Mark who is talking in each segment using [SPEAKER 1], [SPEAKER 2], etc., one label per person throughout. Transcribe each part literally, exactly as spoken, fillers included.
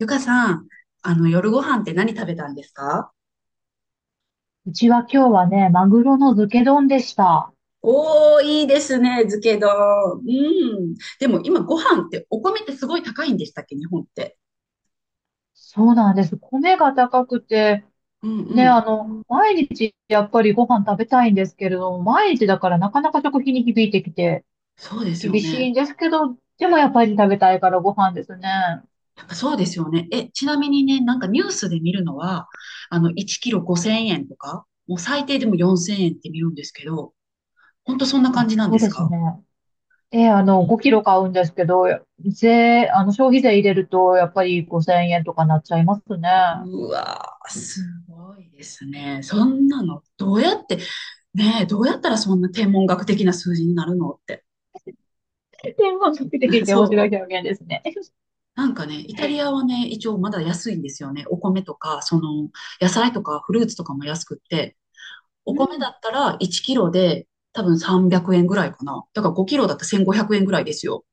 [SPEAKER 1] ゆかさん、あの、夜ご飯って何食べたんですか？
[SPEAKER 2] うちは今日はね、マグロの漬け丼でした。
[SPEAKER 1] おー、いいですね、漬け丼。うん。でも今ご飯ってお米ってすごい高いんでしたっけ、日本って。
[SPEAKER 2] そうなんです。米が高くて、
[SPEAKER 1] うんう
[SPEAKER 2] ね、あ
[SPEAKER 1] ん。
[SPEAKER 2] の、毎日やっぱりご飯食べたいんですけれども、毎日だからなかなか食費に響いてきて、
[SPEAKER 1] そうですよ
[SPEAKER 2] 厳しい
[SPEAKER 1] ね。
[SPEAKER 2] んですけど、でもやっぱり食べたいからご飯ですね。
[SPEAKER 1] やっぱそうですよね。え、ちなみにね、なんかニュースで見るのは、あの、いっキロごせんえんとか、もう最低でもよんせんえんって見るんですけど、ほんとそんな感
[SPEAKER 2] あ、
[SPEAKER 1] じなん
[SPEAKER 2] そう
[SPEAKER 1] です
[SPEAKER 2] です
[SPEAKER 1] か？
[SPEAKER 2] ね。え、あの、ごキロ買うんですけど、税、あの、消費税入れると、やっぱりごせんえんとかなっちゃいますね。
[SPEAKER 1] うわー、すごいですね。そんなの。どうやって、ねえ、どうやったらそんな天文学的な数字になるのって。
[SPEAKER 2] 天文学的って 面白い
[SPEAKER 1] そ
[SPEAKER 2] 表現ですね。
[SPEAKER 1] う。なんかね、イタリアはね、一応まだ安いんですよね。お米とか、その、野菜とかフルーツとかも安くって、お
[SPEAKER 2] う
[SPEAKER 1] 米
[SPEAKER 2] ん、
[SPEAKER 1] だったらいっキロで多分さんびゃくえんぐらいかな。だからごキロだったらせんごひゃくえんぐらいですよ。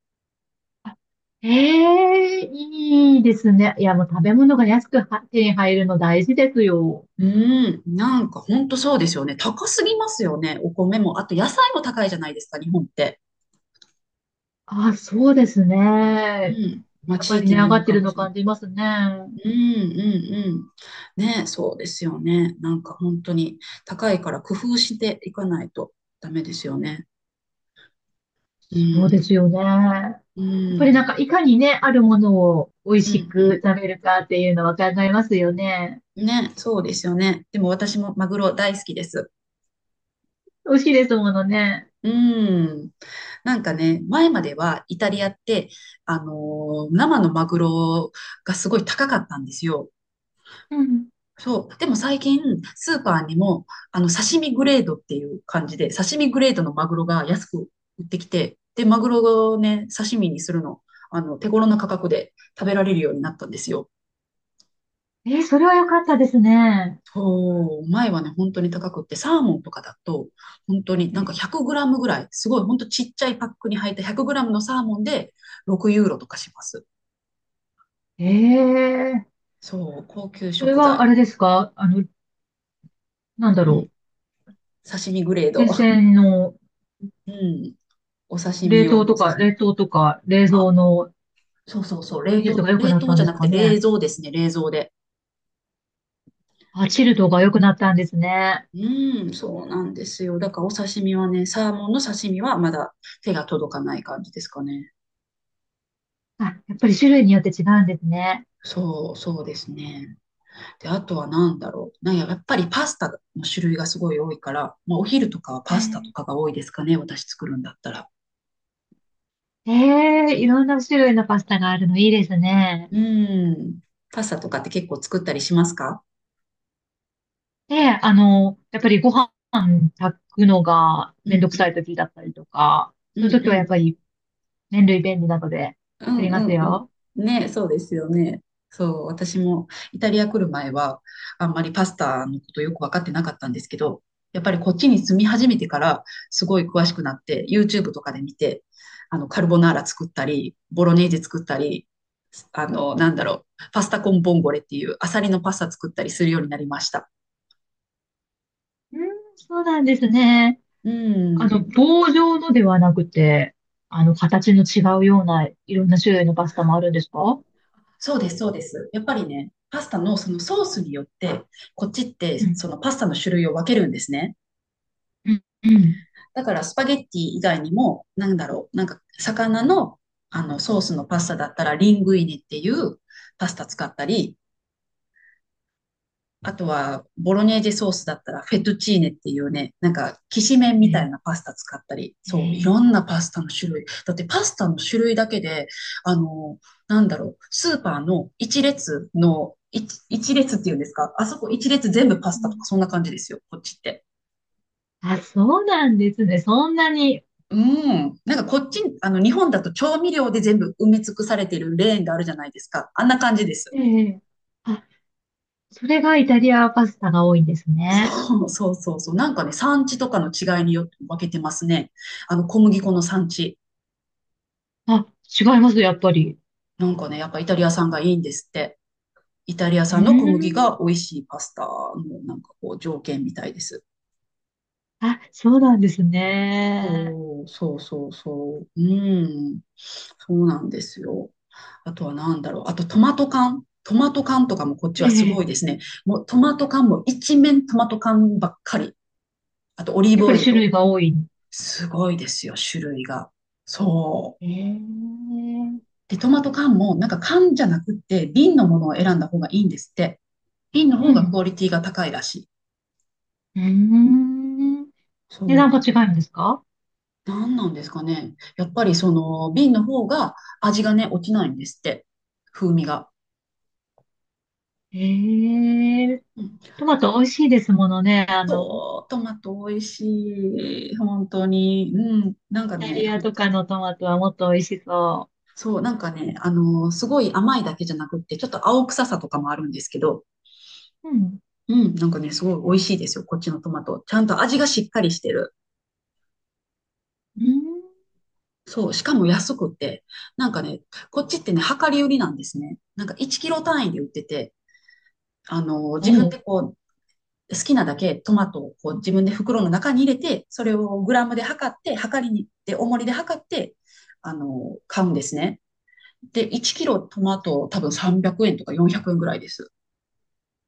[SPEAKER 2] ええ、いいですね。いや、もう食べ物が安くは手に入るの大事ですよ。
[SPEAKER 1] うーん、なんかほんとそうですよね。高すぎますよね。お米も。あと野菜も高いじゃないですか、日本って。
[SPEAKER 2] あ、そうです
[SPEAKER 1] う
[SPEAKER 2] ね。
[SPEAKER 1] ん。まあ
[SPEAKER 2] やっ
[SPEAKER 1] 地
[SPEAKER 2] ぱり
[SPEAKER 1] 域
[SPEAKER 2] 値
[SPEAKER 1] に
[SPEAKER 2] 上
[SPEAKER 1] よ
[SPEAKER 2] が
[SPEAKER 1] る
[SPEAKER 2] って
[SPEAKER 1] か
[SPEAKER 2] る
[SPEAKER 1] も
[SPEAKER 2] の
[SPEAKER 1] しれない。
[SPEAKER 2] 感じますね。
[SPEAKER 1] うんうんうん。ね、そうですよね。なんか本当に高いから工夫していかないとダメですよね。う
[SPEAKER 2] そうで
[SPEAKER 1] ん。
[SPEAKER 2] すよね。や
[SPEAKER 1] う
[SPEAKER 2] っぱりなんか、
[SPEAKER 1] ん。
[SPEAKER 2] いかにね、あるものを美味
[SPEAKER 1] う
[SPEAKER 2] し
[SPEAKER 1] ん、う
[SPEAKER 2] く食べるかっていうのは考えますよね。
[SPEAKER 1] ん。ね、そうですよね。でも私もマグロ大好きです。
[SPEAKER 2] 美味しいですものね。
[SPEAKER 1] うん。なんかね、前まではイタリアって、あのー生のマグロがすごい高かったんですよ。
[SPEAKER 2] うん。
[SPEAKER 1] そう。でも最近、スーパーにも、あの、刺身グレードっていう感じで、刺身グレードのマグロが安く売ってきて、で、マグロをね、刺身にするの、あの、手頃な価格で食べられるようになったんですよ。
[SPEAKER 2] えー、それは良かったですね。
[SPEAKER 1] そう、前はね、本当に高くって、サーモンとかだと、本当になんかひゃくグラムぐらい、すごい本当ちっちゃいパックに入ったひゃくグラムのサーモンでろくユーロとかします。
[SPEAKER 2] ええー、
[SPEAKER 1] そう、高級
[SPEAKER 2] それ
[SPEAKER 1] 食
[SPEAKER 2] は
[SPEAKER 1] 材。
[SPEAKER 2] あれですか、あの、なんだ
[SPEAKER 1] う
[SPEAKER 2] ろ
[SPEAKER 1] ん、刺身グレー
[SPEAKER 2] う。
[SPEAKER 1] ド。
[SPEAKER 2] 沿線の
[SPEAKER 1] うん、お刺身
[SPEAKER 2] 冷
[SPEAKER 1] 用
[SPEAKER 2] 凍
[SPEAKER 1] の
[SPEAKER 2] とか、
[SPEAKER 1] 刺身。
[SPEAKER 2] 冷凍とか、冷蔵
[SPEAKER 1] あ、
[SPEAKER 2] の
[SPEAKER 1] そうそうそう、冷
[SPEAKER 2] 技術
[SPEAKER 1] 凍、
[SPEAKER 2] が良く
[SPEAKER 1] 冷
[SPEAKER 2] なっ
[SPEAKER 1] 凍
[SPEAKER 2] たん
[SPEAKER 1] じゃ
[SPEAKER 2] です
[SPEAKER 1] なくて
[SPEAKER 2] か
[SPEAKER 1] 冷
[SPEAKER 2] ね。
[SPEAKER 1] 蔵ですね、冷蔵で。
[SPEAKER 2] あ、チルドが良くなったんですね。
[SPEAKER 1] うん、そうなんですよ。だからお刺身はね、サーモンの刺身はまだ手が届かない感じですかね。
[SPEAKER 2] あ、やっぱり種類によって違うんですね。
[SPEAKER 1] そう、そうですね。で、あとは何だろう。なんや、やっぱりパスタの種類がすごい多いから、まあ、お昼とかはパスタとかが多いですかね。私作るんだったら。
[SPEAKER 2] ええ、いろんな種類のパスタがあるのいいですね。
[SPEAKER 1] うん。パスタとかって結構作ったりしますか？
[SPEAKER 2] で、あの、やっぱりご飯炊くのが
[SPEAKER 1] うんう
[SPEAKER 2] めんどくさい
[SPEAKER 1] ん。
[SPEAKER 2] 時だったりとか、
[SPEAKER 1] う
[SPEAKER 2] そ
[SPEAKER 1] ん
[SPEAKER 2] ういう
[SPEAKER 1] う
[SPEAKER 2] 時はやっぱ
[SPEAKER 1] ん
[SPEAKER 2] り麺類便利なので
[SPEAKER 1] う
[SPEAKER 2] 作
[SPEAKER 1] ん
[SPEAKER 2] り
[SPEAKER 1] う
[SPEAKER 2] ます
[SPEAKER 1] んうん。
[SPEAKER 2] よ。
[SPEAKER 1] ね、そうですよね。そう、私もイタリア来る前は、あんまりパスタのことよく分かってなかったんですけど、やっぱりこっちに住み始めてから、すごい詳しくなって、ユーチューブ とかで見て、あの、カルボナーラ作ったり、ボロネーゼ作ったり、あの、なんだろう、パスタコンボンゴレっていうアサリのパスタ作ったりするようになりました。
[SPEAKER 2] うん、そうなんですね。
[SPEAKER 1] う
[SPEAKER 2] あの、
[SPEAKER 1] ん。
[SPEAKER 2] 棒状のではなくて、あの、形の違うようないろんな種類のパスタもあるんですか？
[SPEAKER 1] そうです、そうです。やっぱりね、パスタのそのソースによって、こっちっ
[SPEAKER 2] う
[SPEAKER 1] てそ
[SPEAKER 2] ん、
[SPEAKER 1] のパスタの種類を分けるんですね。
[SPEAKER 2] うん、うん。
[SPEAKER 1] だからスパゲッティ以外にも、なんだろう、なんか魚の、あのソースのパスタだったらリングイネっていうパスタ使ったり、あとはボロネーゼソースだったらフェトチーネっていうね、なんかきしめん
[SPEAKER 2] え
[SPEAKER 1] みたい
[SPEAKER 2] え、
[SPEAKER 1] なパスタ使ったり、
[SPEAKER 2] え
[SPEAKER 1] そう、い
[SPEAKER 2] え。
[SPEAKER 1] ろんなパスタの種類。だってパスタの種類だけで、あの、なんだろう、スーパーの一列の、一一列っていうんですか、あそこ一列全部パ
[SPEAKER 2] う
[SPEAKER 1] スタとか
[SPEAKER 2] ん。
[SPEAKER 1] そんな感じですよ、こっちって。
[SPEAKER 2] あ、そうなんですね。そんなに。
[SPEAKER 1] うん。なんかこっち、あの、日本だと調味料で全部埋め尽くされてるレーンがあるじゃないですか。あんな感じです。
[SPEAKER 2] ええ。あ、それがイタリアパスタが多いんですね。
[SPEAKER 1] そうそうそうそう。なんかね、産地とかの違いによって分けてますね。あの、小麦粉の産地。
[SPEAKER 2] あ、違います、やっぱり。
[SPEAKER 1] なんかね、やっぱイタリア産がいいんですって。イタリア
[SPEAKER 2] う
[SPEAKER 1] 産の小麦
[SPEAKER 2] ーん。
[SPEAKER 1] が美味しいパスタのなんかこう条件みたいです。
[SPEAKER 2] あ、そうなんですね。
[SPEAKER 1] そう、そうそうそう。うん。そうなんですよ。あとは何だろう。あとトマト缶。トマト缶とかもこっち
[SPEAKER 2] え
[SPEAKER 1] はすごい
[SPEAKER 2] え。
[SPEAKER 1] ですね。もうトマト缶も一面トマト缶ばっかり。あとオリー
[SPEAKER 2] やっ
[SPEAKER 1] ブ
[SPEAKER 2] ぱ
[SPEAKER 1] オ
[SPEAKER 2] り
[SPEAKER 1] イル
[SPEAKER 2] 種
[SPEAKER 1] と。
[SPEAKER 2] 類が多い。
[SPEAKER 1] すごいですよ、種類が。そう。
[SPEAKER 2] ええ。
[SPEAKER 1] で、トマト缶もなんか缶じゃなくって瓶のものを選んだ方がいいんですって。瓶の
[SPEAKER 2] う
[SPEAKER 1] 方がクオ
[SPEAKER 2] ん。
[SPEAKER 1] リティが高いらしい。
[SPEAKER 2] うーん。値
[SPEAKER 1] そ
[SPEAKER 2] 段が
[SPEAKER 1] う。
[SPEAKER 2] 違うんですか？
[SPEAKER 1] 何なんですかね。やっぱりその瓶の方が味がね、落ちないんですって。風味が。
[SPEAKER 2] ええ、
[SPEAKER 1] うん、
[SPEAKER 2] トマト美味しいですものね。あの、
[SPEAKER 1] そう、トマト美味しい。本当に。うん。なん
[SPEAKER 2] イ
[SPEAKER 1] か
[SPEAKER 2] タ
[SPEAKER 1] ね、
[SPEAKER 2] リア
[SPEAKER 1] ほん
[SPEAKER 2] とかのトマトはもっと美味しそ
[SPEAKER 1] そう、なんかね、あの、すごい甘いだけじゃなくって、ちょっと青臭さとかもあるんですけど、
[SPEAKER 2] う。うん。
[SPEAKER 1] うん、なんかね、すごい美味しいですよ、こっちのトマト。ちゃんと味がしっかりしてる。
[SPEAKER 2] うん。
[SPEAKER 1] そう、しかも安くって、なんかね、こっちってね、量り売りなんですね。なんかいっキロ単位で売ってて、あの、
[SPEAKER 2] お
[SPEAKER 1] 自分で
[SPEAKER 2] う。
[SPEAKER 1] こう、好きなだけトマトをこう自分で袋の中に入れて、それをグラムで測って、測りに行って、重りで測って、あの、買うんですね。で、いっキロトマト多分さんびゃくえんとかよんひゃくえんぐらいです。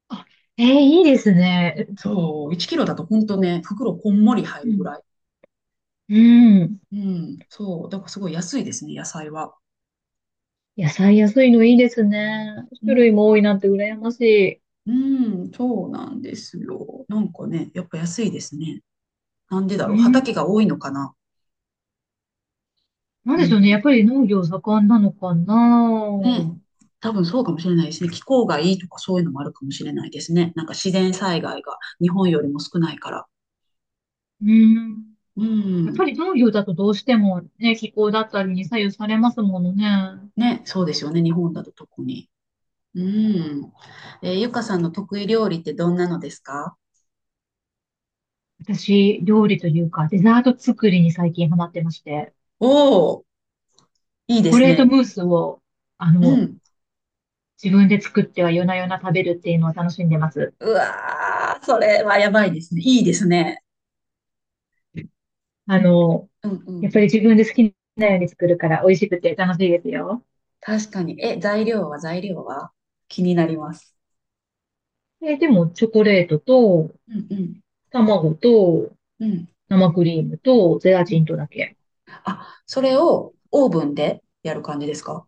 [SPEAKER 2] あ、ええ、いいですね。
[SPEAKER 1] そう、いっキロだと本当ね、袋こんもり入
[SPEAKER 2] う
[SPEAKER 1] るぐら
[SPEAKER 2] ん。
[SPEAKER 1] い。
[SPEAKER 2] うん。
[SPEAKER 1] うん、そう、だからすごい安いですね、野菜は。
[SPEAKER 2] 野菜安いのいいですね。
[SPEAKER 1] う
[SPEAKER 2] 種類も多い
[SPEAKER 1] ん、
[SPEAKER 2] なんて羨ましい。
[SPEAKER 1] うん、そうなんですよ。なんかね、やっぱ安いですね。なんでだ
[SPEAKER 2] う
[SPEAKER 1] ろう、畑
[SPEAKER 2] ん。
[SPEAKER 1] が多いのかな。
[SPEAKER 2] なん
[SPEAKER 1] う
[SPEAKER 2] でしょうね。やっ
[SPEAKER 1] ん。
[SPEAKER 2] ぱり農業盛んなのか
[SPEAKER 1] ね、
[SPEAKER 2] な。
[SPEAKER 1] 多分そうかもしれないですね。気候がいいとかそういうのもあるかもしれないですね。なんか自然災害が日本よりも少ないから。
[SPEAKER 2] うん。
[SPEAKER 1] う
[SPEAKER 2] やっぱ
[SPEAKER 1] ん。
[SPEAKER 2] り農業だとどうしてもね、気候だったりに左右されますものね。
[SPEAKER 1] ね、そうですよね。日本だと特に。うん。えーゆかさんの得意料理ってどんなのですか？
[SPEAKER 2] 私、料理というか、デザート作りに最近ハマってまして、
[SPEAKER 1] おおー、いい
[SPEAKER 2] チョ
[SPEAKER 1] で
[SPEAKER 2] コ
[SPEAKER 1] す
[SPEAKER 2] レート
[SPEAKER 1] ね。
[SPEAKER 2] ムースを、あ
[SPEAKER 1] う
[SPEAKER 2] の、
[SPEAKER 1] ん。
[SPEAKER 2] 自分で作っては夜な夜な食べるっていうのを楽しんでます。
[SPEAKER 1] うわー、それはやばいですね。いいですね。
[SPEAKER 2] あの、
[SPEAKER 1] うんう
[SPEAKER 2] やっぱ
[SPEAKER 1] ん。
[SPEAKER 2] り自分で好きなように作るから美味しくて楽しいですよ。
[SPEAKER 1] 確かに。え、材料は材料は気になります。
[SPEAKER 2] え、でも、チョコレートと、
[SPEAKER 1] うんうん。
[SPEAKER 2] 卵と、
[SPEAKER 1] うん
[SPEAKER 2] 生クリームと、ゼラ
[SPEAKER 1] う
[SPEAKER 2] チン
[SPEAKER 1] ん。
[SPEAKER 2] とだけ。
[SPEAKER 1] あ、それをオーブンでやる感じですか？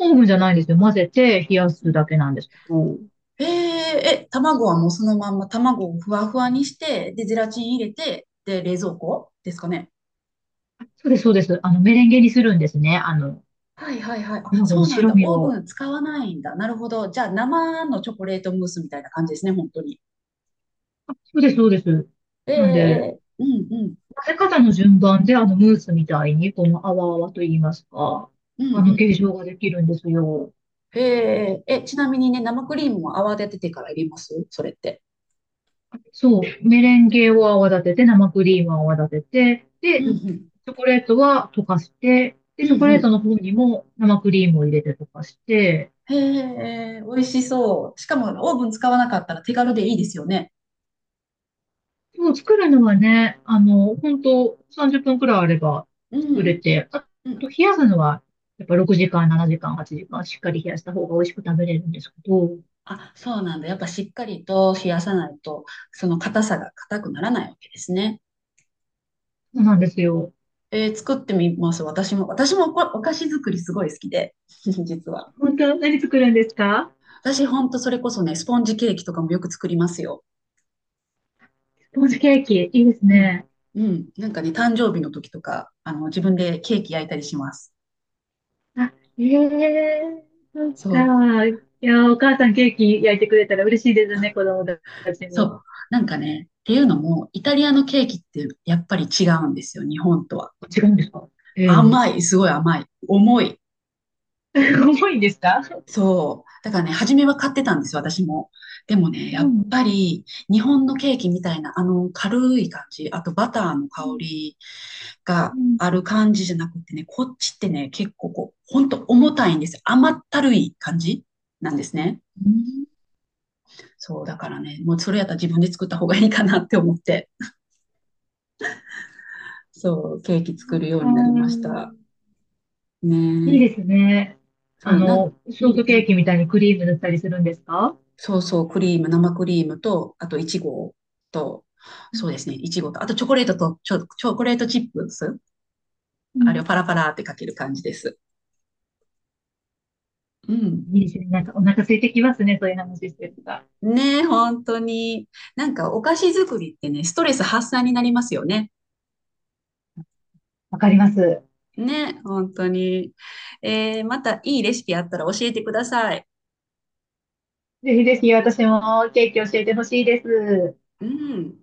[SPEAKER 2] オーブンじゃないんですよ。混ぜて冷やすだけなんですけど。
[SPEAKER 1] えー、え、卵はもうそのまんま卵をふわふわにして、で、ゼラチン入れて、で、冷蔵庫ですかね。
[SPEAKER 2] あ、そうです、そうです。あの、メレンゲにするんですね。あの、
[SPEAKER 1] はいはいはい。あ、
[SPEAKER 2] 卵
[SPEAKER 1] そ
[SPEAKER 2] の
[SPEAKER 1] うなん
[SPEAKER 2] 白
[SPEAKER 1] だ。
[SPEAKER 2] 身
[SPEAKER 1] オーブ
[SPEAKER 2] を。
[SPEAKER 1] ン使わないんだ。なるほど。じゃあ、生のチョコレートムースみたいな感じですね、本当に。
[SPEAKER 2] あ、そうです、そうです。
[SPEAKER 1] え
[SPEAKER 2] なんで、
[SPEAKER 1] えうんうん。
[SPEAKER 2] 混ぜ方の順番で、あの、ムースみたいに、この泡泡と言いますか、
[SPEAKER 1] う
[SPEAKER 2] あ
[SPEAKER 1] んう
[SPEAKER 2] の、形
[SPEAKER 1] ん。
[SPEAKER 2] 状ができるんですよ。
[SPEAKER 1] へえ、え、ちなみにね、生クリームも泡立ててから入れますそれって。
[SPEAKER 2] そう、メレンゲを泡立てて、生クリームを泡立て
[SPEAKER 1] う
[SPEAKER 2] て、で、
[SPEAKER 1] ん
[SPEAKER 2] チ
[SPEAKER 1] うん。
[SPEAKER 2] ョコレートは溶かして、
[SPEAKER 1] う
[SPEAKER 2] で、
[SPEAKER 1] ん
[SPEAKER 2] チョコ
[SPEAKER 1] う
[SPEAKER 2] レート
[SPEAKER 1] ん。
[SPEAKER 2] の方にも生クリームを入れて溶かして、
[SPEAKER 1] へえ、美味しそう。しかも、オーブン使わなかったら手軽でいいですよね。
[SPEAKER 2] そう、作るのはね、あの、本当さんじゅっぷんくらいあれば
[SPEAKER 1] う
[SPEAKER 2] 作れ
[SPEAKER 1] ん。
[SPEAKER 2] て、あ
[SPEAKER 1] うん
[SPEAKER 2] と冷やすのは、やっぱろくじかん、ななじかん、はちじかん、しっかり冷やした方が美味しく食べれるんですけど、
[SPEAKER 1] あ、そうなんだ。やっぱしっかりと冷やさないと、その硬さが硬くならないわけですね。
[SPEAKER 2] そうなんですよ。
[SPEAKER 1] えー作ってみます。私も、私もこお菓子作りすごい好きで、実は。
[SPEAKER 2] 本当、何作るんですか？
[SPEAKER 1] 私ほんとそれこそね、スポンジケーキとかもよく作りますよ。
[SPEAKER 2] スポンジケーキ。いいです
[SPEAKER 1] うん。
[SPEAKER 2] ね。
[SPEAKER 1] うん。なんかね、誕生日の時とか、あの、自分でケーキ焼いたりします。
[SPEAKER 2] あ、ええ、そっ
[SPEAKER 1] そう。
[SPEAKER 2] か。いや、お母さんケーキ焼いてくれたら嬉しいですね、子供たち
[SPEAKER 1] そ
[SPEAKER 2] も。
[SPEAKER 1] う。なんかね、っていうのも、イタリアのケーキってやっぱり違うんですよ、日本とは。
[SPEAKER 2] 違うんですか？ええ。
[SPEAKER 1] 甘い、すごい甘い。重い。
[SPEAKER 2] 重いんですか？
[SPEAKER 1] そう。だからね、初めは買ってたんですよ、私も。でもね、や
[SPEAKER 2] う
[SPEAKER 1] っぱ
[SPEAKER 2] ん。
[SPEAKER 1] り日本のケーキみたいな、あの軽い感じ、あとバターの
[SPEAKER 2] う
[SPEAKER 1] 香
[SPEAKER 2] ん。
[SPEAKER 1] り
[SPEAKER 2] う
[SPEAKER 1] が
[SPEAKER 2] ん。
[SPEAKER 1] ある感じじゃなくてね、こっちってね、結構こう、ほんと重たいんですよ。甘ったるい感じなんですね。
[SPEAKER 2] うん。
[SPEAKER 1] そう、だからね、もうそれやったら自分で作った方がいいかなって思って、そう、ケーキ作るよう
[SPEAKER 2] あ
[SPEAKER 1] になりまし
[SPEAKER 2] ー、
[SPEAKER 1] た。ね
[SPEAKER 2] いいです
[SPEAKER 1] え。
[SPEAKER 2] ね。あ
[SPEAKER 1] そう、なん、
[SPEAKER 2] の、
[SPEAKER 1] う
[SPEAKER 2] ショー
[SPEAKER 1] ん
[SPEAKER 2] ト
[SPEAKER 1] う
[SPEAKER 2] ケー
[SPEAKER 1] ん。
[SPEAKER 2] キみたいにクリーム塗ったりするんですか？
[SPEAKER 1] そうそう、クリーム、生クリームと、あといちごと、
[SPEAKER 2] う
[SPEAKER 1] そうですね、いちごと、あとチョコレートと、チョ、チョコレートチップス、あれ
[SPEAKER 2] ん。
[SPEAKER 1] をパラパラってかける感じです。うん。
[SPEAKER 2] いいですね。なんかお腹空いてきますね、そういう話してると。
[SPEAKER 1] ねえ、本当に。なんかお菓子作りってね、ストレス発散になりますよね。
[SPEAKER 2] わかります。
[SPEAKER 1] ねえ、本当に。えーまたいいレシピあったら教えてください。
[SPEAKER 2] ぜひぜひ私もケーキ教えてほしいです。
[SPEAKER 1] うん。